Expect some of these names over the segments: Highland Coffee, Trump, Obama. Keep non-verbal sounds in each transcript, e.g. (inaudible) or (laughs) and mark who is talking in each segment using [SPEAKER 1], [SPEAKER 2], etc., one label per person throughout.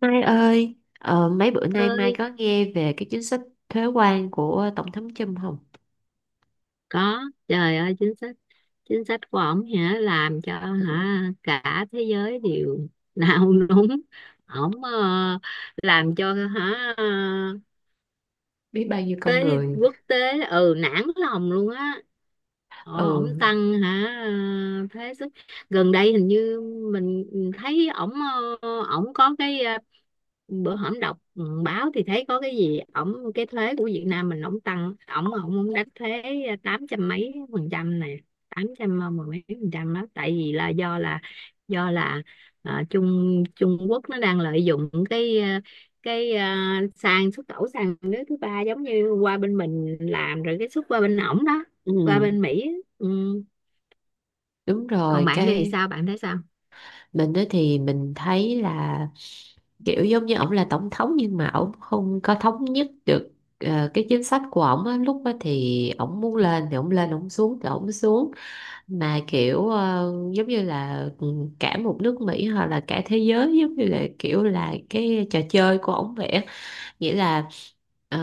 [SPEAKER 1] Mai ơi, mấy bữa nay Mai
[SPEAKER 2] Ơi.
[SPEAKER 1] có nghe về cái chính sách thuế quan của Tổng thống Trump không?
[SPEAKER 2] Có. Trời ơi, chính sách của ổng hả, làm cho hả cả thế giới đều (laughs) nao núng. Ổng, làm cho hả
[SPEAKER 1] Biết bao nhiêu con
[SPEAKER 2] tới
[SPEAKER 1] người.
[SPEAKER 2] quốc tế, ừ, nản lòng luôn á. Ồ, ổng
[SPEAKER 1] Ừ,
[SPEAKER 2] tăng hả? Thuế xuất gần đây hình như mình thấy ổng, ổng có cái, bữa hổm đọc, báo thì thấy có cái gì ổng, cái thuế của Việt Nam mình ổng tăng, ổng ổng ổng đánh thuế, tám trăm mấy phần trăm này, tám trăm, mười mấy phần trăm đó, tại vì là do là, Trung Trung Quốc nó đang lợi dụng cái, cái, sàn xuất khẩu sàn nước thứ ba, giống như qua bên mình làm rồi cái xuất qua bên ổng đó, qua
[SPEAKER 1] ừ,
[SPEAKER 2] bên Mỹ á. Ừ.
[SPEAKER 1] đúng
[SPEAKER 2] Còn
[SPEAKER 1] rồi.
[SPEAKER 2] bạn thì
[SPEAKER 1] Cái
[SPEAKER 2] sao, bạn thấy sao?
[SPEAKER 1] mình đó thì mình thấy là kiểu giống như ổng là tổng thống, nhưng mà ổng không có thống nhất được cái chính sách của ổng á. Lúc đó thì ổng muốn lên thì ổng lên, ổng xuống thì ổng xuống. Mà kiểu giống như là cả một nước Mỹ hoặc là cả thế giới giống như là kiểu là cái trò chơi của ổng vậy á, nghĩa là uh,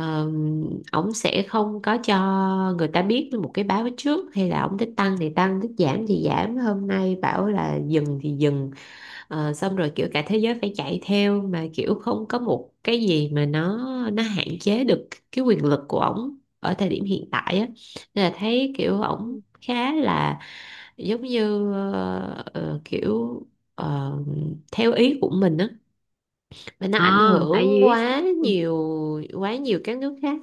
[SPEAKER 1] ổng sẽ không có cho người ta biết một cái báo trước, hay là ổng thích tăng thì tăng, thích giảm thì giảm, hôm nay bảo là dừng thì dừng. Xong rồi kiểu cả thế giới phải chạy theo, mà kiểu không có một cái gì mà nó hạn chế được cái quyền lực của ổng ở thời điểm hiện tại á. Nên là thấy kiểu ổng khá là giống như kiểu ờ, theo ý của mình á, và nó
[SPEAKER 2] ờ
[SPEAKER 1] ảnh
[SPEAKER 2] Tại
[SPEAKER 1] hưởng
[SPEAKER 2] vì biết,
[SPEAKER 1] quá nhiều các nước khác.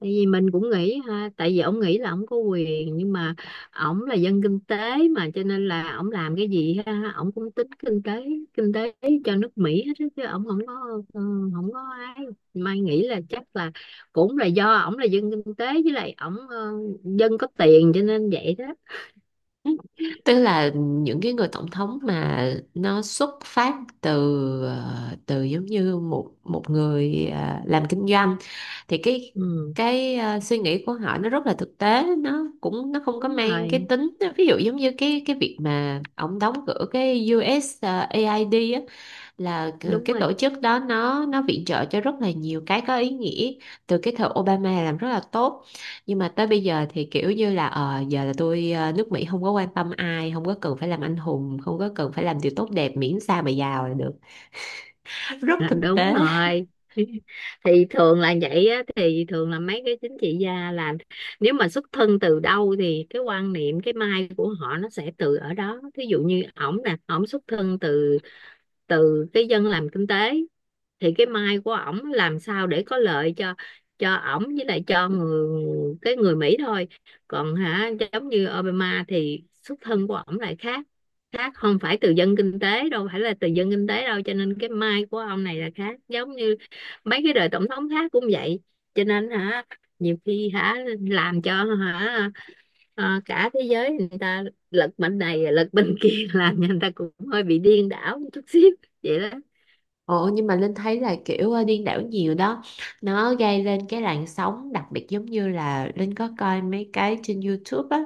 [SPEAKER 2] tại vì mình cũng nghĩ ha, tại vì ông nghĩ là ông có quyền nhưng mà ổng là dân kinh tế, mà cho nên là ổng làm cái gì ha ổng cũng tính kinh tế, kinh tế cho nước Mỹ hết á, chứ ổng không có, ừ, không có ai. Mai nghĩ là chắc là cũng là do ổng là dân kinh tế với lại ổng, dân có tiền cho nên vậy đó.
[SPEAKER 1] Tức là những cái người tổng thống mà nó xuất phát từ từ giống như một một người làm kinh doanh, thì cái
[SPEAKER 2] Ừ,
[SPEAKER 1] cái suy nghĩ của họ nó rất là thực tế, nó cũng không có
[SPEAKER 2] đúng
[SPEAKER 1] mang cái
[SPEAKER 2] rồi,
[SPEAKER 1] tính. Ví dụ giống như cái việc mà ông đóng cửa cái US á, là
[SPEAKER 2] đúng
[SPEAKER 1] cái
[SPEAKER 2] rồi.
[SPEAKER 1] tổ chức đó nó viện trợ cho rất là nhiều cái có ý nghĩa từ cái thời Obama, làm rất là tốt, nhưng mà tới bây giờ thì kiểu như là giờ là tôi, nước Mỹ không có quan tâm ai, không có cần phải làm anh hùng, không có cần phải làm điều tốt đẹp, miễn sao mà giàu là được. (laughs) Rất
[SPEAKER 2] À,
[SPEAKER 1] thực
[SPEAKER 2] đúng
[SPEAKER 1] tế.
[SPEAKER 2] rồi. (laughs) Thì thường là vậy á, thì thường là mấy cái chính trị gia là, nếu mà xuất thân từ đâu thì cái quan niệm, cái mai của họ nó sẽ từ ở đó. Thí dụ như ổng nè, ổng xuất thân từ, từ cái dân làm kinh tế, thì cái mai của ổng làm sao để có lợi cho ổng với lại cho người, cái người Mỹ thôi. Còn hả giống như Obama thì xuất thân của ổng lại khác, khác, không phải từ dân kinh tế đâu, phải là từ dân kinh tế đâu, cho nên cái mai của ông này là khác, giống như mấy cái đời tổng thống khác cũng vậy. Cho nên hả, nhiều khi hả làm cho hả, cả thế giới người ta lật bên này lật bên kia (laughs) làm cho người ta cũng hơi bị điên đảo một chút xíu, vậy đó.
[SPEAKER 1] Ồ, nhưng mà Linh thấy là kiểu điên đảo nhiều đó. Nó gây lên cái làn sóng, đặc biệt giống như là Linh có coi mấy cái trên YouTube á,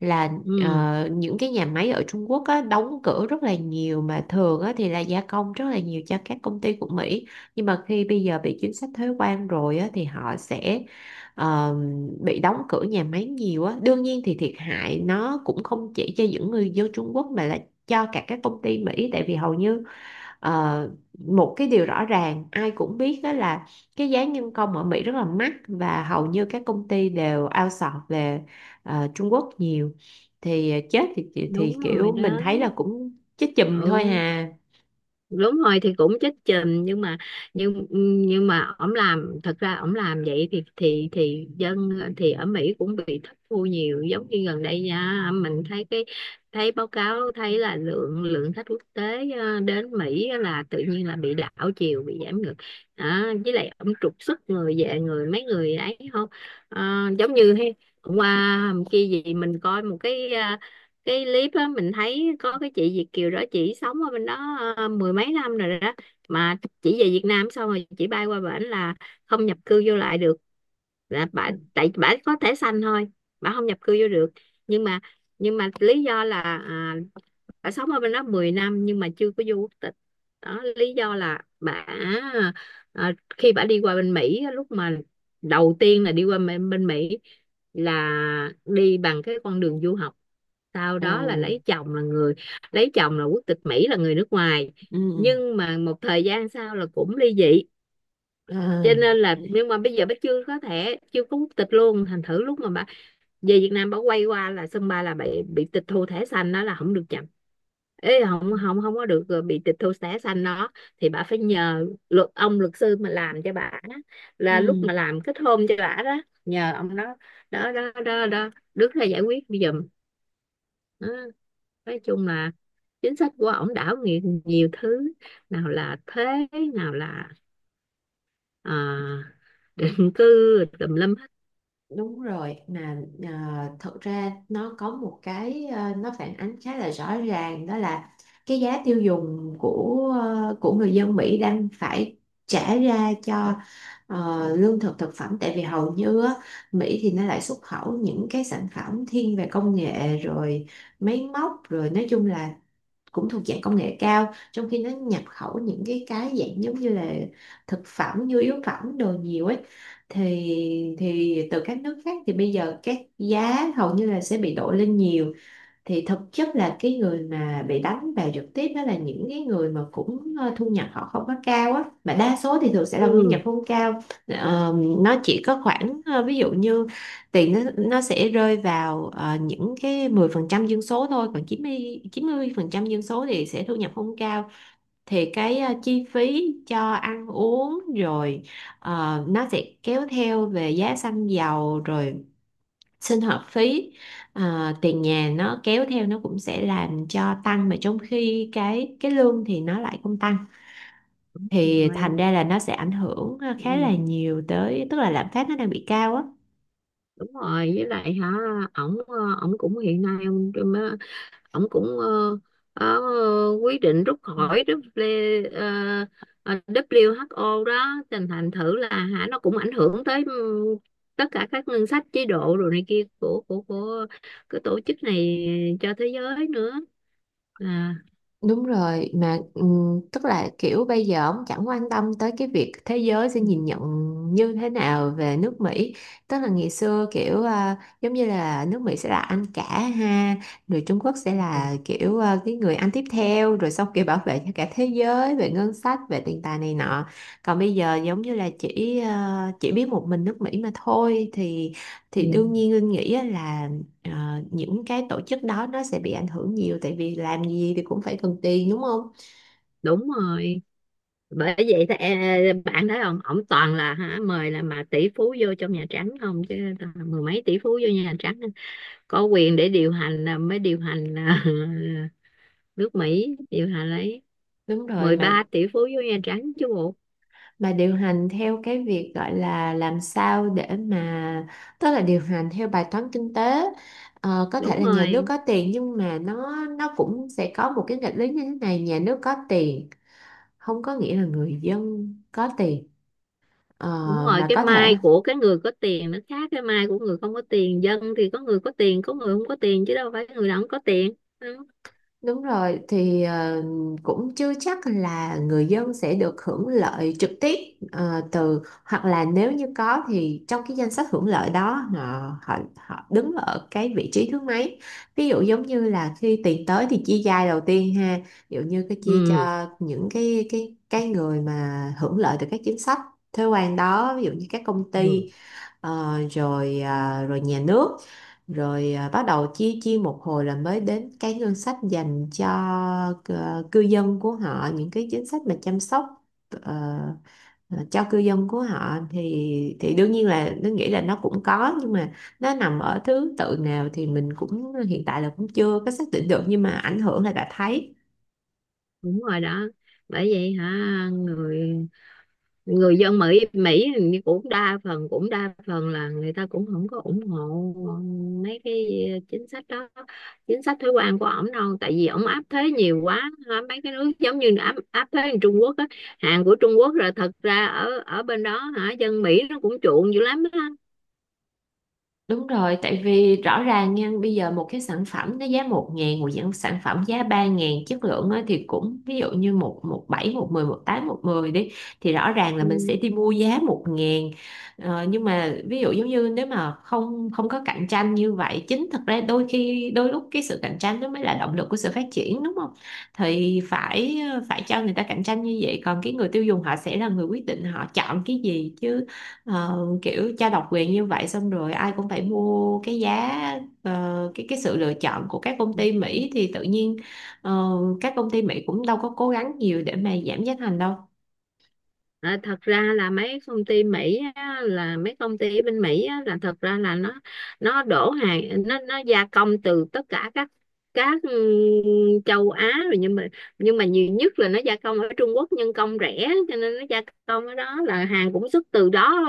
[SPEAKER 1] là
[SPEAKER 2] Ừ,
[SPEAKER 1] những cái nhà máy ở Trung Quốc á, đóng cửa rất là nhiều, mà thường á thì là gia công rất là nhiều cho các công ty của Mỹ. Nhưng mà khi bây giờ bị chính sách thuế quan rồi á, thì họ sẽ ờ, bị đóng cửa nhà máy nhiều á. Đương nhiên thì thiệt hại nó cũng không chỉ cho những người dân Trung Quốc, mà là cho cả các công ty Mỹ. Tại vì hầu như Ờ, một cái điều rõ ràng ai cũng biết đó là cái giá nhân công ở Mỹ rất là mắc, và hầu như các công ty đều outsource về Trung Quốc nhiều. Thì chết, thì
[SPEAKER 2] đúng rồi
[SPEAKER 1] kiểu mình
[SPEAKER 2] đó.
[SPEAKER 1] thấy là cũng chết chùm thôi
[SPEAKER 2] Ừ,
[SPEAKER 1] hà.
[SPEAKER 2] đúng rồi thì cũng chết chìm nhưng mà, nhưng nhưng mà ổng làm, thật ra ổng làm vậy thì thì dân, thì ở Mỹ cũng bị thất thu nhiều, giống như gần đây nha, mình thấy cái, thấy báo cáo thấy là lượng lượng khách quốc tế, đến Mỹ là tự nhiên là bị đảo chiều, bị giảm ngược. À, với lại ổng trục xuất người về, người mấy người ấy không. Ờ, giống như hay, hôm qua hôm kia gì mình coi một cái, cái clip á, mình thấy có cái chị Việt kiều đó, chị sống ở bên đó, mười mấy năm rồi đó, mà chị về Việt Nam xong rồi chị bay qua bển là không nhập cư vô lại được, là bả, tại bả có thẻ xanh thôi, bả không nhập cư vô được. Nhưng mà, nhưng mà lý do là, à, bà sống ở bên đó 10 năm nhưng mà chưa có vô quốc tịch. Đó, lý do là bà, à, khi bà đi qua bên Mỹ á, lúc mà đầu tiên là đi qua bên, bên Mỹ là đi bằng cái con đường du học, sau
[SPEAKER 1] Ừ,
[SPEAKER 2] đó là lấy chồng là người, lấy chồng là quốc tịch Mỹ là người nước ngoài,
[SPEAKER 1] ừ,
[SPEAKER 2] nhưng mà một thời gian sau là cũng ly dị, cho
[SPEAKER 1] ừ,
[SPEAKER 2] nên là nhưng mà bây giờ bà chưa có thẻ, chưa có quốc tịch luôn, thành thử lúc mà bà về Việt Nam, bà quay qua là sân bay là bị tịch thu thẻ xanh đó, là không được chậm. Ê, không
[SPEAKER 1] ừ,
[SPEAKER 2] không không có được, bị tịch thu thẻ xanh đó. Thì bà phải nhờ luật, ông luật sư mà làm cho bà đó, là lúc
[SPEAKER 1] ừ.
[SPEAKER 2] mà làm kết hôn cho bà đó, nhờ ông đó. Đó đó đó, đó, đứng ra giải quyết giùm đó. Nói chung là chính sách của ổng đảo nhiều, nhiều thứ, nào là thuế, nào là, à, (laughs) định cư, tùm lum hết.
[SPEAKER 1] Đúng rồi, mà à, thật ra nó có một cái, à, nó phản ánh khá là rõ ràng, đó là cái giá tiêu dùng của, à, của người dân Mỹ đang phải trả ra cho, à, lương thực thực phẩm, tại vì hầu như á, Mỹ thì nó lại xuất khẩu những cái sản phẩm thiên về công nghệ rồi máy móc, rồi nói chung là cũng thuộc dạng công nghệ cao, trong khi nó nhập khẩu những cái dạng giống như là thực phẩm, nhu yếu phẩm, đồ nhiều ấy, thì từ các nước khác thì bây giờ các giá hầu như là sẽ bị đội lên nhiều. Thì thực chất là cái người mà bị đánh vào trực tiếp đó là những cái người mà cũng thu nhập họ không có cao á, mà đa số thì thường sẽ là thu
[SPEAKER 2] Ừ.
[SPEAKER 1] nhập không cao. Nó chỉ có khoảng, ví dụ như tiền nó sẽ rơi vào những cái 10% dân số thôi, còn chín chín mươi phần trăm dân số thì sẽ thu nhập không cao, thì cái, chi phí cho ăn uống rồi, nó sẽ kéo theo về giá xăng dầu, rồi sinh hoạt phí, à, tiền nhà, nó kéo theo nó cũng sẽ làm cho tăng, mà trong khi cái lương thì nó lại không tăng, thì
[SPEAKER 2] Rồi.
[SPEAKER 1] thành ra là nó sẽ ảnh hưởng, à, khá
[SPEAKER 2] Ừ.
[SPEAKER 1] là nhiều tới, tức là lạm phát nó đang bị cao á.
[SPEAKER 2] Đúng rồi, với lại hả ổng, ổng cũng hiện nay ông, ổng cũng, ờ, quyết định rút khỏi W, WHO đó, thành thành thử là hả nó cũng ảnh hưởng tới, ừ, tất cả các ngân sách chế độ rồi này kia của, của cái tổ chức này cho thế giới nữa. À,
[SPEAKER 1] Đúng rồi, mà tức là kiểu bây giờ ông chẳng quan tâm tới cái việc thế giới sẽ
[SPEAKER 2] ừ,
[SPEAKER 1] nhìn nhận như thế nào về nước Mỹ. Tức là ngày xưa kiểu, à, giống như là nước Mỹ sẽ là anh cả ha, rồi Trung Quốc sẽ là
[SPEAKER 2] ừ,
[SPEAKER 1] kiểu, à, cái người anh tiếp theo, rồi xong kiểu bảo vệ cho cả thế giới về ngân sách, về tiền tài này nọ. Còn bây giờ giống như là chỉ biết một mình nước Mỹ mà thôi, thì đương
[SPEAKER 2] ừ,
[SPEAKER 1] nhiên Linh nghĩ á là, ờ, những cái tổ chức đó nó sẽ bị ảnh hưởng nhiều, tại vì làm gì thì cũng phải cần tiền, đúng không?
[SPEAKER 2] đúng rồi. Bởi vậy thì, bạn thấy không, ổng toàn là hả mời là mà tỷ phú vô trong Nhà Trắng không, chứ toàn mười mấy tỷ phú vô Nhà Trắng có quyền để điều hành là mới điều hành là (laughs) nước Mỹ điều hành ấy.
[SPEAKER 1] Đúng rồi,
[SPEAKER 2] mười
[SPEAKER 1] mà
[SPEAKER 2] ba tỷ phú với Nhà Trắng chứ bộ.
[SPEAKER 1] mà điều hành theo cái việc gọi là làm sao để mà, tức là điều hành theo bài toán kinh tế. Có thể
[SPEAKER 2] Đúng
[SPEAKER 1] là nhà nước
[SPEAKER 2] rồi,
[SPEAKER 1] có tiền, nhưng mà nó cũng sẽ có một cái nghịch lý như thế này: nhà nước có tiền không có nghĩa là người dân có tiền. Ờ,
[SPEAKER 2] đúng rồi,
[SPEAKER 1] mà
[SPEAKER 2] cái
[SPEAKER 1] có thể
[SPEAKER 2] mai của cái người có tiền nó khác cái mai của người không có tiền, dân thì có người có tiền có người không có tiền chứ đâu phải người nào không có tiền. Ừ,
[SPEAKER 1] đúng rồi, thì cũng chưa chắc là người dân sẽ được hưởng lợi trực tiếp từ, hoặc là nếu như có thì trong cái danh sách hưởng lợi đó họ họ, họ đứng ở cái vị trí thứ mấy. Ví dụ giống như là khi tiền tới thì chia giai đầu tiên ha, ví dụ như cái chia cho những cái người mà hưởng lợi từ các chính sách thuế quan đó, ví dụ như các công
[SPEAKER 2] ừ,
[SPEAKER 1] ty, rồi, à, rồi nhà nước, rồi à, bắt đầu chia chia một hồi là mới đến cái ngân sách dành cho cư dân của họ, những cái chính sách mà chăm sóc, ờ, cho cư dân của họ, thì đương nhiên là nó nghĩ là nó cũng có, nhưng mà nó nằm ở thứ tự nào thì mình cũng, hiện tại là cũng chưa có xác định được, nhưng mà ảnh hưởng là đã thấy.
[SPEAKER 2] đúng rồi đó. Bởi vậy hả, người, người dân Mỹ Mỹ thì cũng đa phần, cũng đa phần là người ta cũng không có ủng hộ mấy cái chính sách đó, chính sách thuế quan của ổng đâu, tại vì ổng áp thuế nhiều quá mấy cái nước, giống như áp áp thuế như Trung Quốc á, hàng của Trung Quốc, rồi thật ra ở, ở bên đó hả, dân Mỹ nó cũng chuộng dữ lắm đó.
[SPEAKER 1] Đúng rồi, tại vì rõ ràng nha, bây giờ một cái sản phẩm nó giá 1.000, một dạng sản phẩm giá 3.000, chất lượng á, thì cũng ví dụ như một một bảy một mười một tám một mười đi, thì rõ ràng là mình sẽ đi mua giá 1.000. Nhưng mà ví dụ giống như nếu mà không không có cạnh tranh như vậy, chính thật ra đôi khi đôi lúc cái sự cạnh tranh nó mới là động lực của sự phát triển, đúng không? Thì phải cho người ta cạnh tranh như vậy, còn cái người tiêu dùng họ sẽ là người quyết định họ chọn cái gì chứ. Kiểu trao độc quyền như vậy, xong rồi ai cũng phải mua cái giá, cái sự lựa chọn của các công ty
[SPEAKER 2] Ừ.
[SPEAKER 1] Mỹ, thì tự nhiên ờ, các công ty Mỹ cũng đâu có cố gắng nhiều để mà giảm giá thành đâu.
[SPEAKER 2] À, thật ra là mấy công ty Mỹ á, là mấy công ty ở bên Mỹ á, là thật ra là nó đổ hàng, nó gia công từ tất cả các, châu Á rồi, nhưng mà, nhưng mà nhiều nhất là nó gia công ở Trung Quốc nhân công rẻ, cho nên nó gia công ở đó là hàng cũng xuất từ đó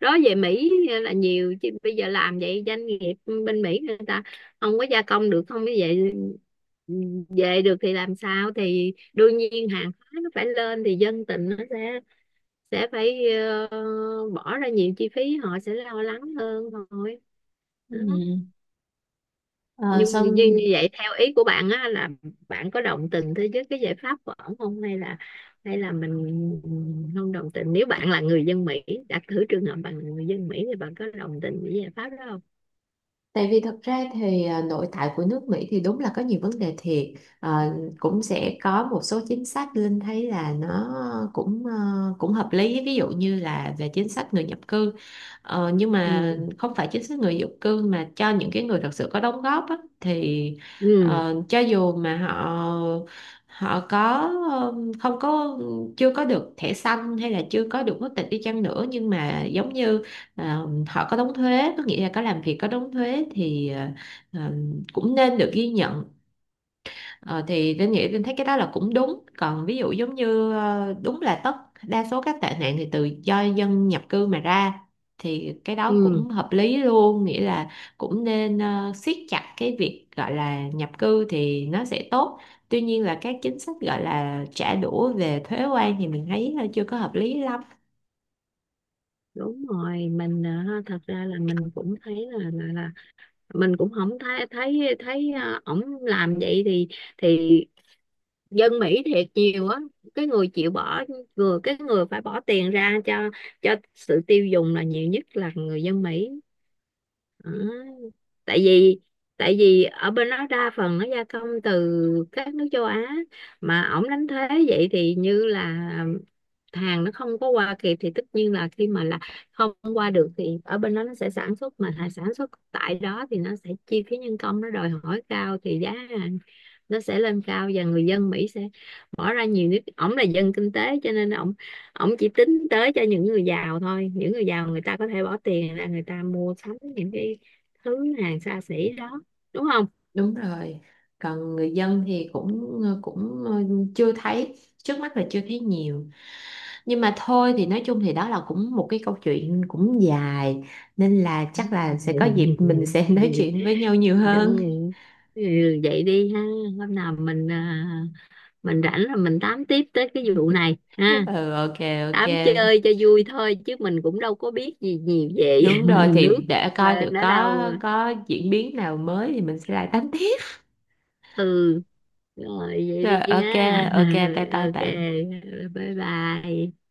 [SPEAKER 2] đó về Mỹ là nhiều. Chứ bây giờ làm vậy doanh nghiệp bên Mỹ người ta không có gia công được, không như vậy về được thì làm sao, thì đương nhiên hàng hóa nó phải lên, thì dân tình nó sẽ phải, ờ, bỏ ra nhiều chi phí, họ sẽ lo lắng hơn thôi,
[SPEAKER 1] Ừ.
[SPEAKER 2] đó.
[SPEAKER 1] Ờ,
[SPEAKER 2] Nhưng như, như
[SPEAKER 1] Xong.
[SPEAKER 2] như vậy theo ý của bạn á, là bạn có đồng tình thế với cái giải pháp của ổng không, hay là, hay là mình không đồng tình. Nếu bạn là người dân Mỹ, đặt thử trường hợp bạn là người dân Mỹ thì bạn có đồng tình với giải pháp đó không?
[SPEAKER 1] Tại vì thật ra thì, à, nội tại của nước Mỹ thì đúng là có nhiều vấn đề thiệt, à, cũng sẽ có một số chính sách Linh thấy là nó cũng, à, cũng hợp lý, ví dụ như là về chính sách người nhập cư. Nhưng mà
[SPEAKER 2] Ừ,
[SPEAKER 1] không phải chính sách người nhập cư mà cho những cái người thật sự có đóng góp á, thì
[SPEAKER 2] ừ,
[SPEAKER 1] cho dù mà họ họ có không có, chưa có được thẻ xanh hay là chưa có được quốc tịch đi chăng nữa, nhưng mà giống như họ có đóng thuế, có nghĩa là có làm việc có đóng thuế, thì ờ, cũng nên được ghi nhận. Ờ, thì Linh nghĩ, Linh thấy cái đó là cũng đúng, còn ví dụ giống như đúng là đa số các tệ nạn thì từ do dân nhập cư mà ra, thì cái đó
[SPEAKER 2] ừ,
[SPEAKER 1] cũng hợp lý luôn, nghĩa là cũng nên siết chặt cái việc gọi là nhập cư thì nó sẽ tốt. Tuy nhiên là các chính sách gọi là trả đũa về thuế quan thì mình thấy chưa có hợp lý lắm.
[SPEAKER 2] đúng rồi mình, ha, thật ra là mình cũng thấy là mình cũng không thấy thấy thấy, ổng làm vậy thì dân Mỹ thiệt nhiều á, cái người chịu bỏ, vừa cái người phải bỏ tiền ra cho sự tiêu dùng là nhiều nhất là người dân Mỹ. Đó. Tại vì, tại vì ở bên đó đa phần nó gia công từ các nước châu Á, mà ổng đánh thuế vậy thì như là hàng nó không có qua kịp, thì tất nhiên là khi mà là không qua được thì ở bên đó nó sẽ sản xuất, mà hàng sản xuất tại đó thì nó sẽ chi phí nhân công nó đòi hỏi cao thì giá hàng nó sẽ lên cao và người dân Mỹ sẽ bỏ ra nhiều, nước ổng là dân kinh tế cho nên ổng, ổng chỉ tính tới cho những người giàu thôi, những người giàu người ta có thể bỏ tiền ra người ta mua sắm những cái thứ hàng xa xỉ đó, đúng không?
[SPEAKER 1] Đúng rồi. Còn người dân thì cũng chưa thấy, trước mắt là chưa thấy nhiều. Nhưng mà thôi, thì nói chung thì đó là cũng một cái câu chuyện cũng dài, nên là chắc là sẽ
[SPEAKER 2] (laughs)
[SPEAKER 1] có dịp mình sẽ (laughs) nói chuyện với nhau nhiều hơn.
[SPEAKER 2] Đừng, ừ, vậy đi ha. Hôm nào mình, à, mình rảnh là mình tám tiếp tới cái vụ này ha.
[SPEAKER 1] Ừ, ok, ok.
[SPEAKER 2] Tám chơi cho vui thôi chứ mình cũng đâu có biết gì nhiều về
[SPEAKER 1] Đúng rồi,
[SPEAKER 2] (laughs) nước,
[SPEAKER 1] thì để coi thử
[SPEAKER 2] nó
[SPEAKER 1] có
[SPEAKER 2] đâu.
[SPEAKER 1] có diễn biến nào mới thì mình sẽ lại tám tiếp.
[SPEAKER 2] Ừ, rồi vậy
[SPEAKER 1] Rồi,
[SPEAKER 2] đi
[SPEAKER 1] ok,
[SPEAKER 2] ha.
[SPEAKER 1] ok, bye
[SPEAKER 2] (laughs)
[SPEAKER 1] bye
[SPEAKER 2] OK,
[SPEAKER 1] bạn.
[SPEAKER 2] bye bye.